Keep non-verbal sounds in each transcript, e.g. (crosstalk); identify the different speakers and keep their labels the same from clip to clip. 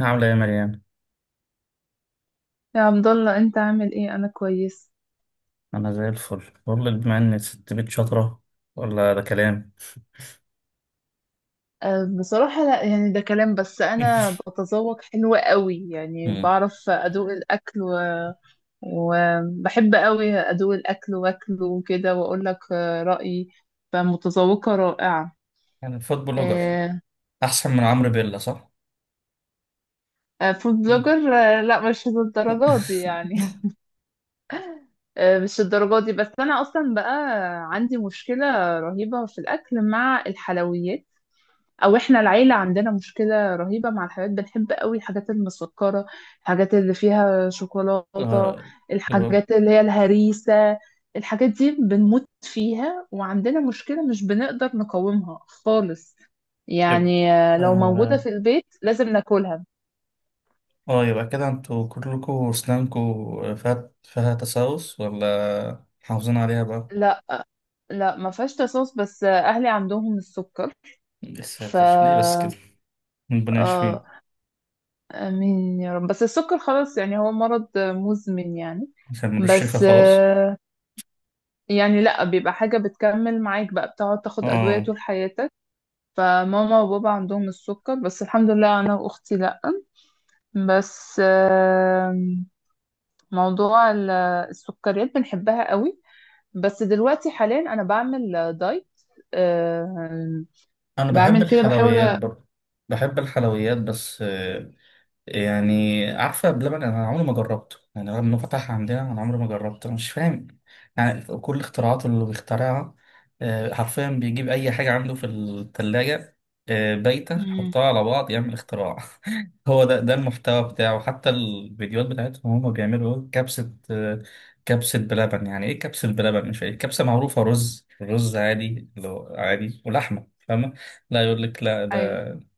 Speaker 1: عاملة ايه يا مريم؟
Speaker 2: يا عبد الله، انت عامل ايه؟ انا كويس.
Speaker 1: أنا زي الفل، بقول لك بما إن ست بيت شاطرة ولا ده كلام؟
Speaker 2: بصراحة لا، يعني ده كلام، بس انا
Speaker 1: (laughs)
Speaker 2: بتذوق حلو قوي، يعني
Speaker 1: مم.
Speaker 2: بعرف ادوق الاكل و... وبحب قوي ادوق الاكل واكله وكده واقول لك رأيي، فمتذوقة رائعة.
Speaker 1: يعني فوت بلوجر
Speaker 2: اه. أه.
Speaker 1: أحسن من عمرو بيلا صح؟
Speaker 2: فود
Speaker 1: مم.
Speaker 2: بلوجر. لا، مش
Speaker 1: (laughs)
Speaker 2: للدرجات دي يعني. (laughs) مش الدرجات دي، بس انا اصلا بقى عندي مشكلة رهيبة في الاكل مع الحلويات، او احنا العيله عندنا مشكله رهيبه مع الحاجات، بنحب قوي الحاجات المسكره، الحاجات اللي فيها شوكولاته،
Speaker 1: آه. يبقى
Speaker 2: الحاجات اللي هي الهريسه. الحاجات دي بنموت فيها، وعندنا مشكله مش بنقدر نقاومها خالص،
Speaker 1: يبقى
Speaker 2: يعني لو موجوده
Speaker 1: آه
Speaker 2: في البيت لازم ناكلها.
Speaker 1: آه، يبقى كده انتوا كلكوا أسنانكوا فيها تسوس ولا محافظين عليها بقى؟
Speaker 2: لا. ما فيهاش تصاص، بس اهلي عندهم السكر.
Speaker 1: يا
Speaker 2: ف
Speaker 1: ساتر ليه بس كده؟ ربنا
Speaker 2: اه.
Speaker 1: يشفيه.
Speaker 2: امين يا رب. بس السكر خلاص يعني هو مرض مزمن يعني.
Speaker 1: عشان ملوش شفا
Speaker 2: بس
Speaker 1: خلاص؟
Speaker 2: آه، يعني لا، بيبقى حاجة بتكمل معاك بقى، بتقعد تاخد أدوية
Speaker 1: آه.
Speaker 2: طول حياتك. فماما وبابا عندهم السكر، بس الحمد لله أنا وأختي لا. بس موضوع السكريات بنحبها قوي، بس دلوقتي حاليا أنا بعمل دايت. آم،
Speaker 1: أنا بحب
Speaker 2: بعمل كده بحاول.
Speaker 1: الحلويات برضه، بحب الحلويات. بس يعني عارفة بلبن، أنا عمري ما جربته، يعني رغم إنه فتح عندنا أنا عمري ما جربته. أنا مش فاهم يعني كل اختراعاته اللي بيخترعها، حرفيا بيجيب أي حاجة عنده في التلاجة بايتة
Speaker 2: مم.
Speaker 1: يحطها على بعض يعمل اختراع. (laughs) هو ده المحتوى بتاعه، حتى الفيديوهات بتاعتهم هما بيعملوا إيه؟ كبسة، كبسة بلبن. يعني إيه كبسة بلبن؟ مش فاهم. كبسة معروفة رز رز عادي، اللي هو عادي ولحمة، فاهمة. لا، يقول لك لا
Speaker 2: أيوه.
Speaker 1: ده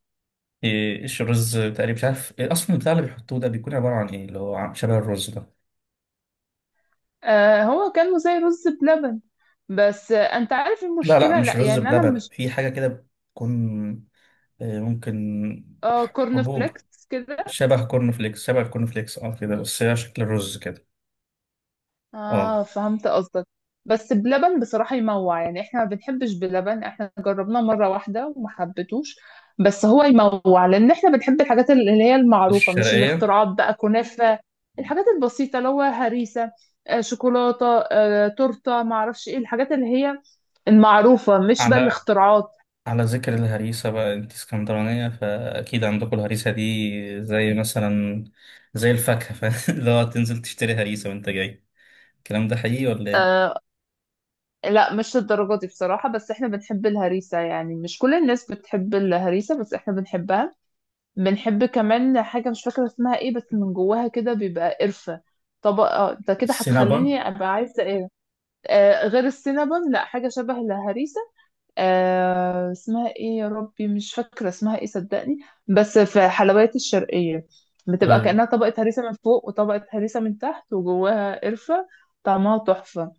Speaker 1: إيه، ايش الرز تقريبا، مش عارف إيه، اصلا البتاع اللي بيحطوه ده بيكون عباره عن ايه، اللي هو شبه الرز ده.
Speaker 2: هو كانوا زي رز بلبن، بس أنت عارف
Speaker 1: لا لا،
Speaker 2: المشكلة،
Speaker 1: مش
Speaker 2: لا
Speaker 1: رز
Speaker 2: يعني أنا
Speaker 1: بلبن،
Speaker 2: مش...
Speaker 1: في حاجه كده بتكون إيه، ممكن
Speaker 2: اه، كورن
Speaker 1: حبوب،
Speaker 2: فليكس كده.
Speaker 1: شبه الكورن فليكس اه كده، بس هي شكل الرز كده. اه،
Speaker 2: اه، فهمت قصدك. بس بلبن بصراحة يموع، يعني احنا ما بنحبش بلبن، احنا جربناه مرة واحدة وما حبيتوش. بس هو يموع، لان احنا بنحب الحاجات اللي هي المعروفة، مش
Speaker 1: الشرقيه.
Speaker 2: الاختراعات بقى. كنافة، الحاجات البسيطة، اللي هو هريسة، شوكولاتة، تورتة، ما اعرفش ايه الحاجات اللي هي المعروفة، مش بقى
Speaker 1: على
Speaker 2: الاختراعات.
Speaker 1: على ذكر الهريسه بقى، انت اسكندرانيه فاكيد عندكم الهريسه دي، زي مثلا زي الفاكهه (laughs) اللي هو تنزل تشتري هريسه وانت جاي. الكلام ده حقيقي ولا ايه؟
Speaker 2: آه، لا، مش الدرجة دي بصراحة، بس احنا بنحب الهريسة. يعني مش كل الناس بتحب الهريسة، بس احنا بنحبها. بنحب كمان حاجة مش فاكرة اسمها ايه، بس من جواها كده بيبقى قرفة، طبقة... انت كده
Speaker 1: السينابون.
Speaker 2: هتخليني ابقى عايزة ايه؟ آه، غير السينابون، لا، حاجة شبه الهريسة. آه، اسمها ايه يا ربي؟ مش فاكرة اسمها ايه صدقني. بس في حلويات الشرقية، بتبقى
Speaker 1: طيب.
Speaker 2: كأنها طبقة هريسة من فوق وطبقة هريسة من تحت وجواها قرفة. طعمها تحفة.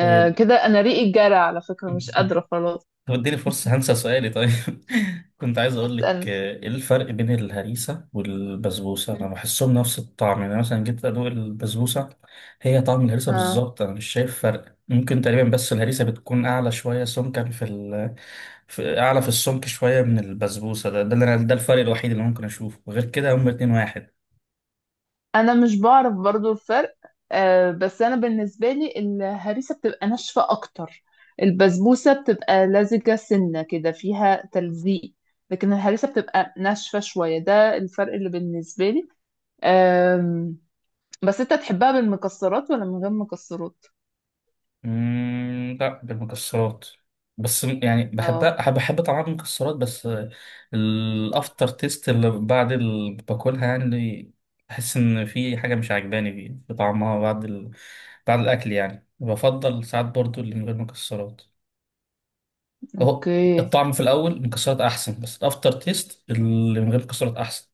Speaker 2: آه
Speaker 1: طيب.
Speaker 2: كده انا ريقي جرى على فكرة، مش
Speaker 1: (laughs)
Speaker 2: قادرة خلاص.
Speaker 1: طب اديني فرصة هنسى سؤالي، طيب. (laughs) كنت عايز اقول لك
Speaker 2: اسأل.
Speaker 1: ايه الفرق بين الهريسة والبسبوسة؟ انا بحسهم نفس الطعم، يعني مثلا جيت ادوق البسبوسة هي طعم الهريسة بالظبط، انا مش شايف فرق، ممكن تقريبا بس الهريسة بتكون اعلى شوية سمكا في اعلى، في السمك شوية من البسبوسة، ده الفرق الوحيد اللي ممكن اشوفه، غير كده هما اتنين واحد.
Speaker 2: انا مش بعرف برضو الفرق. آه، بس انا بالنسبه لي الهريسه بتبقى ناشفه اكتر، البسبوسه بتبقى لزجه سنه كده، فيها تلزيق، لكن الهريسه بتبقى ناشفه شويه، ده الفرق اللي بالنسبه لي. آم بس انت تحبها بالمكسرات ولا من غير مكسرات؟
Speaker 1: لا، بالمكسرات، بس يعني
Speaker 2: اه.
Speaker 1: بحبها، بحب طعم المكسرات، بس الافتر تيست اللي بعد اللي باكلها يعني، بحس ان في حاجه مش عجباني فيه في طعمها بعد الاكل يعني، بفضل ساعات برضو اللي من غير مكسرات. اهو،
Speaker 2: اوكي.
Speaker 1: الطعم في الاول المكسرات احسن بس الافتر تيست اللي من غير مكسرات احسن.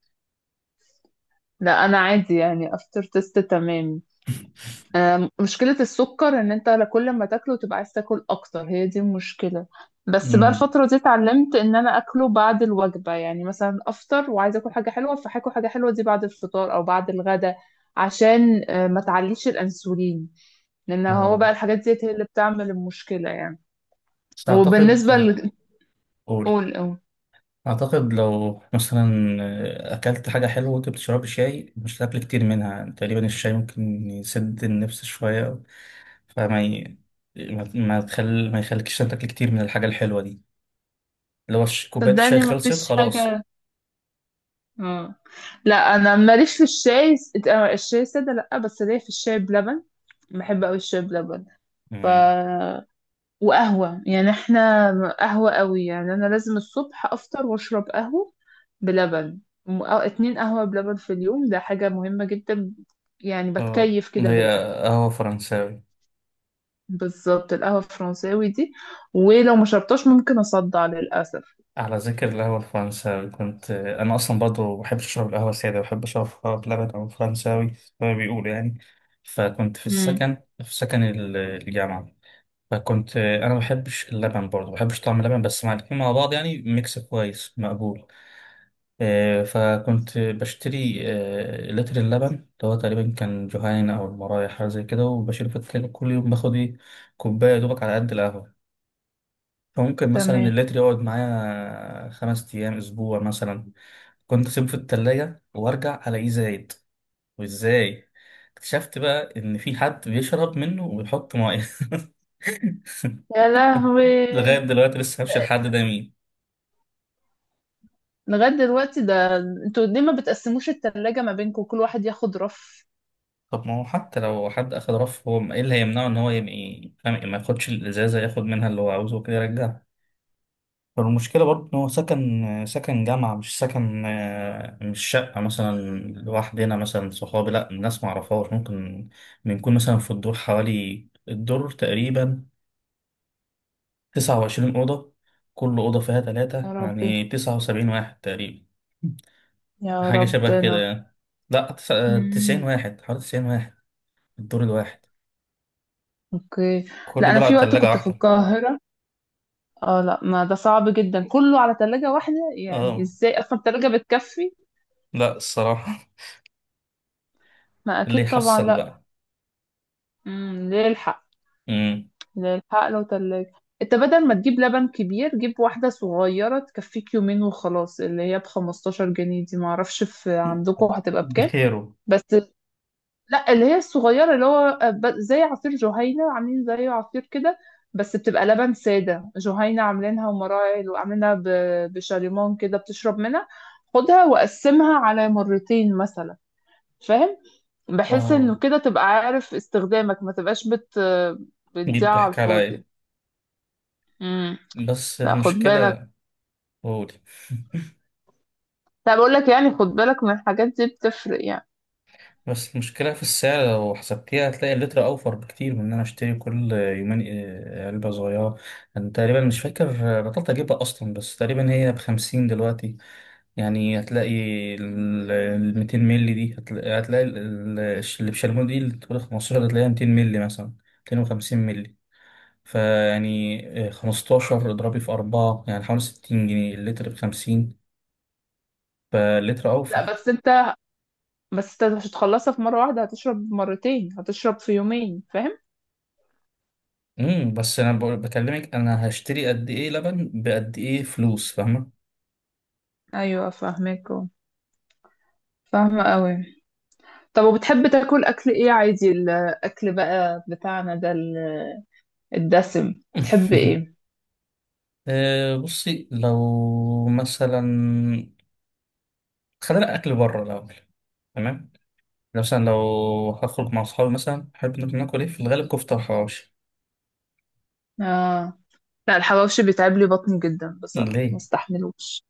Speaker 2: لا انا عادي يعني، افتر تيست تمام.
Speaker 1: (laughs)
Speaker 2: مشكلة السكر ان انت لا كل ما تاكله تبقى عايز تاكل اكتر، هي دي المشكلة. بس بقى
Speaker 1: امم.
Speaker 2: الفترة دي اتعلمت ان انا اكله بعد الوجبة، يعني مثلا افطر وعايزة اكل حاجة حلوة، فهاكل حاجة حلوة دي بعد الفطار او بعد الغدا، عشان ما تعليش الانسولين، لان هو
Speaker 1: اه،
Speaker 2: بقى الحاجات دي هي اللي بتعمل المشكلة يعني.
Speaker 1: بس اعتقد.
Speaker 2: وبالنسبة
Speaker 1: قول.
Speaker 2: قول قول.
Speaker 1: أعتقد لو مثلا أكلت حاجة حلوة وأنت بتشرب شاي مش هتاكل كتير منها، تقريبا الشاي ممكن يسد النفس شوية، فما ي... ما ما تخل... ما يخليكش تاكل كتير من الحاجة الحلوة دي، لو كوباية الشاي
Speaker 2: صدقني ما
Speaker 1: خلصت
Speaker 2: فيش
Speaker 1: خلاص.
Speaker 2: حاجة. اه. لا انا ماليش في الشاي. الشاي سادة لا، بس ليا في الشاي بلبن، بحب قوي الشاي بلبن. ف
Speaker 1: مم.
Speaker 2: وقهوة يعني، احنا قهوة قوي. يعني انا لازم الصبح افطر واشرب قهوة بلبن. أو اتنين قهوة بلبن في اليوم، ده حاجة مهمة جدا. يعني
Speaker 1: اه،
Speaker 2: بتكيف كده
Speaker 1: اللي
Speaker 2: بالقهوة.
Speaker 1: هي قهوة فرنساوي.
Speaker 2: بالظبط، القهوة الفرنساوي دي ولو ما شربتهاش ممكن اصدع للأسف.
Speaker 1: على ذكر القهوة الفرنساوي، كنت أنا أصلا برضه بحب أشرب القهوة سادة، بحب أشربها بلبن أو فرنساوي زي ما بيقولوا يعني. فكنت في
Speaker 2: امم.
Speaker 1: السكن، في سكن ال- الجامعة، فكنت انا ما بحبش اللبن برضه، ما بحبش طعم اللبن، بس مع الاتنين مع بعض يعني ميكس كويس مقبول. فكنت بشتري لتر اللبن اللي هو تقريبا كان جهين او المرايح حاجه زي كده، وبشيله في التلاجة، كل يوم باخد ايه؟ كوبايه يا دوبك على قد القهوه. فممكن مثلا
Speaker 2: تمام.
Speaker 1: اللتر يقعد معايا 5 ايام، اسبوع مثلا. كنت اسيبه في التلاجة وارجع الاقيه زايد، وازاي اكتشفت بقى ان في حد بيشرب منه ويحط ميه. (laughs)
Speaker 2: يا لهوي.
Speaker 1: لغاية دلوقتي لسه هفشل الحد ده مين.
Speaker 2: لغاية دلوقتي ده؟ انتوا ليه ما بتقسموش التلاجة ما بينكم؟ كل واحد ياخد رف.
Speaker 1: طب ما هو حتى لو حد أخد رف، هو إيه اللي هيمنعه إن هو يبقى فاهم، ما ياخدش الإزازة، ياخد منها اللي هو عاوزه وكده يرجعها. فالمشكلة برضه إن هو سكن جامعة، مش سكن آه، مش شقة مثلا لوحدنا، مثلا صحابي، لأ الناس معرفهاش، ممكن بنكون مثلا في الدور حوالي الدور تقريبا 29 أوضة، كل أوضة فيها تلاتة،
Speaker 2: يا ربي.
Speaker 1: يعني 79 واحد تقريبا،
Speaker 2: يا
Speaker 1: حاجة شبه كده
Speaker 2: ربنا.
Speaker 1: يعني. لأ، تسعين
Speaker 2: مم.
Speaker 1: واحد حوالي 90 واحد الدور الواحد،
Speaker 2: اوكي. لا،
Speaker 1: كله
Speaker 2: انا
Speaker 1: دول
Speaker 2: في
Speaker 1: على
Speaker 2: وقت
Speaker 1: تلاجة
Speaker 2: كنت في
Speaker 1: واحدة.
Speaker 2: القاهرة. اه لا، ما ده صعب جدا كله على تلاجة واحدة، يعني
Speaker 1: اه،
Speaker 2: ازاي اصلا التلاجة بتكفي؟
Speaker 1: لا الصراحة.
Speaker 2: ما
Speaker 1: (laughs) اللي
Speaker 2: اكيد طبعا
Speaker 1: يحصل
Speaker 2: لا.
Speaker 1: بقى.
Speaker 2: امم. ليه الحق.
Speaker 1: امم.
Speaker 2: ليه الحق لو تلاجة، انت بدل ما تجيب لبن كبير جيب واحدة صغيرة تكفيك يومين وخلاص، اللي هي ب 15 جنيه دي، معرفش في عندكم هتبقى بكام.
Speaker 1: بخيره.
Speaker 2: بس... لا اللي هي الصغيرة، اللي هو زي عصير جهينة، عاملين زيه عصير كده، بس بتبقى لبن سادة. جهينة عاملينها ومراعي، وعاملينها بشاليمون كده بتشرب منها. خدها وقسمها على مرتين مثلا، فاهم؟ بحيث
Speaker 1: اه.
Speaker 2: انه كده تبقى عارف استخدامك، ما تبقاش
Speaker 1: دي
Speaker 2: بتضيع على
Speaker 1: بتحكي على
Speaker 2: الفاضي.
Speaker 1: ايه؟
Speaker 2: امم.
Speaker 1: بس
Speaker 2: لا خد بالك.
Speaker 1: المشكلة، قول. (laughs)
Speaker 2: لا بقول لك يعني، خد بالك من الحاجات دي بتفرق يعني.
Speaker 1: بس المشكلة في السعر، لو حسبتيها هتلاقي اللتر أوفر بكتير من إن أنا أشتري كل يومين علبة صغيرة. أنا تقريبا مش فاكر، بطلت أجيبها أصلا، بس تقريبا هي ب50 دلوقتي. يعني هتلاقي ال 200 مللي دي، هتلاقي اللي بشاليمو دي اللي تقول 15، هتلاقيها 200 مللي مثلا، 250 مللي. فيعني 15 اضربي في 4، يعني حوالي 60 جنيه، اللتر ب 50، فاللتر
Speaker 2: لا
Speaker 1: اوفر.
Speaker 2: بس انت بس انت مش هتخلصها في مرة واحدة، هتشرب مرتين، هتشرب في يومين، فاهم؟
Speaker 1: امم. بس انا بكلمك انا هشتري قد ايه لبن بقد ايه فلوس، فاهمه.
Speaker 2: ايوه فاهمك. فاهمة قوي. طب وبتحب تاكل اكل ايه عادي؟ الاكل بقى بتاعنا ده الدسم، بتحب ايه؟
Speaker 1: (laughs) بصي، لو مثلا خلينا اكل بره الاول، تمام. مثلا لو هخرج مع أصحابي، مثلا أحب ناكل، ناكل إيه في الغالب؟ كفتة وحواوشي.
Speaker 2: اه. لا، الحواوشي بيتعب لي بطني جدا بصراحة، ما
Speaker 1: ليه؟
Speaker 2: استحملوش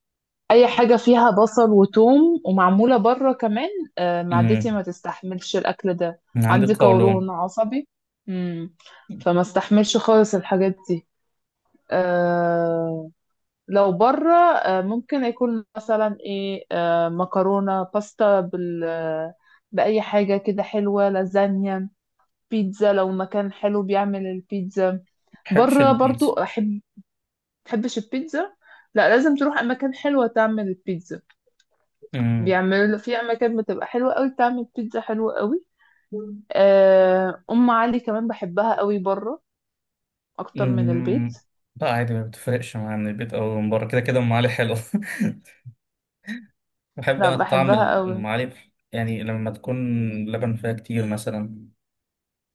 Speaker 2: اي حاجة فيها بصل وتوم ومعمولة بره كمان. آه، معدتي
Speaker 1: مم.
Speaker 2: ما تستحملش الاكل ده.
Speaker 1: من عندي
Speaker 2: عندي قولون
Speaker 1: قولون.
Speaker 2: عصبي. امم. فما استحملش خالص الحاجات دي. آه. لو بره ممكن يكون مثلا ايه، مكرونة باستا بال بأي حاجة كده حلوة، لازانيا، بيتزا لو مكان حلو بيعمل البيتزا.
Speaker 1: مبحبش
Speaker 2: بره برضو
Speaker 1: البيتزا.
Speaker 2: أحب. تحبش البيتزا؟ لا لازم تروح أماكن حلوة تعمل البيتزا.
Speaker 1: مم.
Speaker 2: بيعملوا في أماكن بتبقى حلوة قوي تعمل بيتزا حلوة قوي. أم علي كمان بحبها قوي بره أكتر من البيت.
Speaker 1: مم. لا، عادي، ما بتفرقش مع من البيت أو من بره، كده كده أم علي حلو. (laughs) بحب
Speaker 2: لا
Speaker 1: أنا طعم
Speaker 2: بحبها
Speaker 1: الأم
Speaker 2: قوي.
Speaker 1: علي، يعني لما تكون لبن فيها كتير مثلا،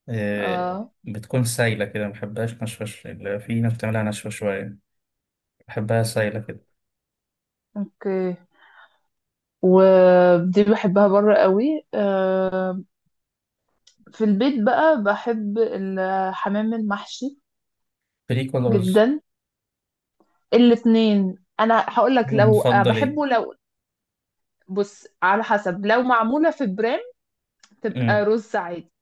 Speaker 2: اه.
Speaker 1: بتكون سايلة كده، ما بحبهاش ناشفة، اللي في ناس بتعملها ناشفة شوية، بحبها سايلة كده.
Speaker 2: اوكي. ودي بحبها بره قوي. في البيت بقى بحب الحمام المحشي
Speaker 1: فريك ولا رز؟
Speaker 2: جدا. الاتنين، انا هقول لك لو
Speaker 1: نفضل إيه؟
Speaker 2: بحبه لو... بص، على حسب، لو معموله في برام تبقى
Speaker 1: مم.
Speaker 2: رز عادي.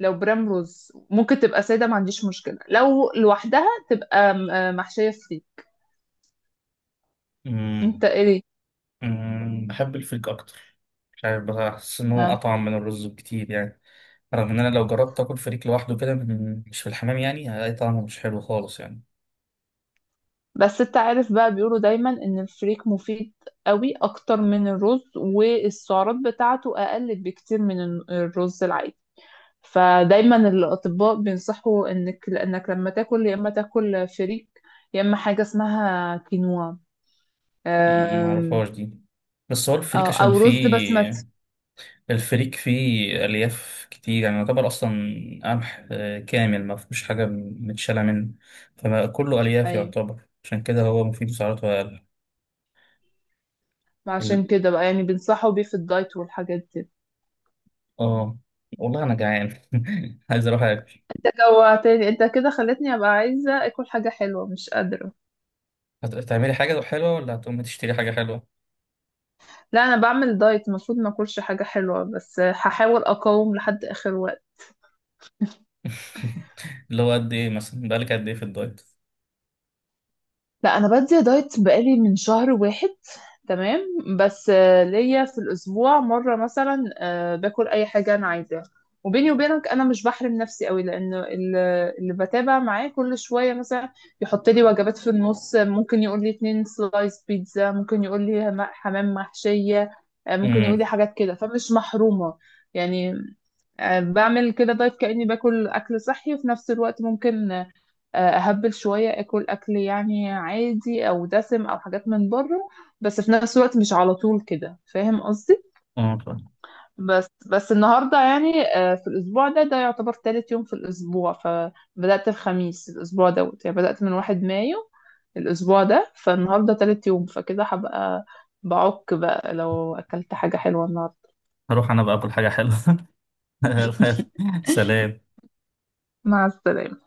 Speaker 2: لو برام رز ممكن تبقى ساده، ما عنديش مشكله. لو لوحدها تبقى محشيه فري.
Speaker 1: مم.
Speaker 2: انت ايه؟
Speaker 1: بحب الفريك أكتر، مش عارف، بحس إن هو
Speaker 2: آه.
Speaker 1: أطعم من الرز بكتير يعني، رغم إن أنا لو جربت آكل فريك لوحده كده مش في الحمام، يعني هلاقي طعمه مش حلو خالص يعني.
Speaker 2: بس انت عارف بقى بيقولوا دايما ان الفريك مفيد قوي اكتر من الرز، والسعرات بتاعته اقل بكتير من الرز العادي. فدايما الاطباء بينصحوا انك، لانك لما تاكل يا اما تاكل فريك، يا اما حاجه اسمها كينوا. أم-
Speaker 1: معرفهاش دي. بس هو
Speaker 2: او
Speaker 1: الفريك عشان
Speaker 2: أو رز بسمتي.
Speaker 1: فيه، الفريك فيه ألياف كتير، يعني يعتبر أصلا قمح كامل، ما فيهوش حاجة متشالة منه، فكله ألياف
Speaker 2: ايوه.
Speaker 1: يعتبر، عشان كده هو مفيد سعراته أقل. ال-
Speaker 2: عشان كده بقى يعني بينصحوا بيه في الدايت والحاجات دي.
Speaker 1: آه والله أنا جعان، (laughs) عايز أروح أكل.
Speaker 2: جوعتني انت كده، خلتني ابقى عايزه اكل حاجه حلوه مش قادره.
Speaker 1: هتعملي حاجة حلوة ولا هتقومي تشتري حاجة حلوة؟
Speaker 2: لا، انا بعمل دايت، المفروض ما اكلش حاجه حلوه، بس هحاول اقاوم لحد اخر وقت.
Speaker 1: (laughs) اللي هو قد ايه مثلا، بقالك قد ايه في الدايت؟
Speaker 2: لا انا بدي دايت بقالي من شهر واحد. تمام. بس ليا في الاسبوع مره مثلا، باكل اي حاجه انا عايزاها. وبيني وبينك انا مش بحرم نفسي قوي، لانه اللي بتابع معاه كل شويه مثلا يحط لي وجبات في النص، ممكن يقول لي اتنين سلايس بيتزا، ممكن يقول لي حمام محشيه، ممكن يقول لي
Speaker 1: امم.
Speaker 2: حاجات كده، فمش محرومه يعني. بعمل كده دايت كأني باكل أكل صحي، وفي نفس الوقت ممكن أهبل شوية، أكل يعني عادي أو دسم أو حاجات من بره. بس في نفس الوقت مش على طول كده، فاهم قصدي؟
Speaker 1: اه فاهم.
Speaker 2: بس النهاردة يعني في الأسبوع ده يعتبر تالت يوم في الأسبوع، فبدأت الخميس الأسبوع دوت يعني، بدأت من واحد مايو الأسبوع ده، فالنهاردة تالت يوم، فكده هبقى بعك بقى لو أكلت حاجة حلوة النهاردة.
Speaker 1: هروح انا بقى اكل حاجه حلوه.
Speaker 2: (laughs)
Speaker 1: (laughs) سلام.
Speaker 2: مع السلامة.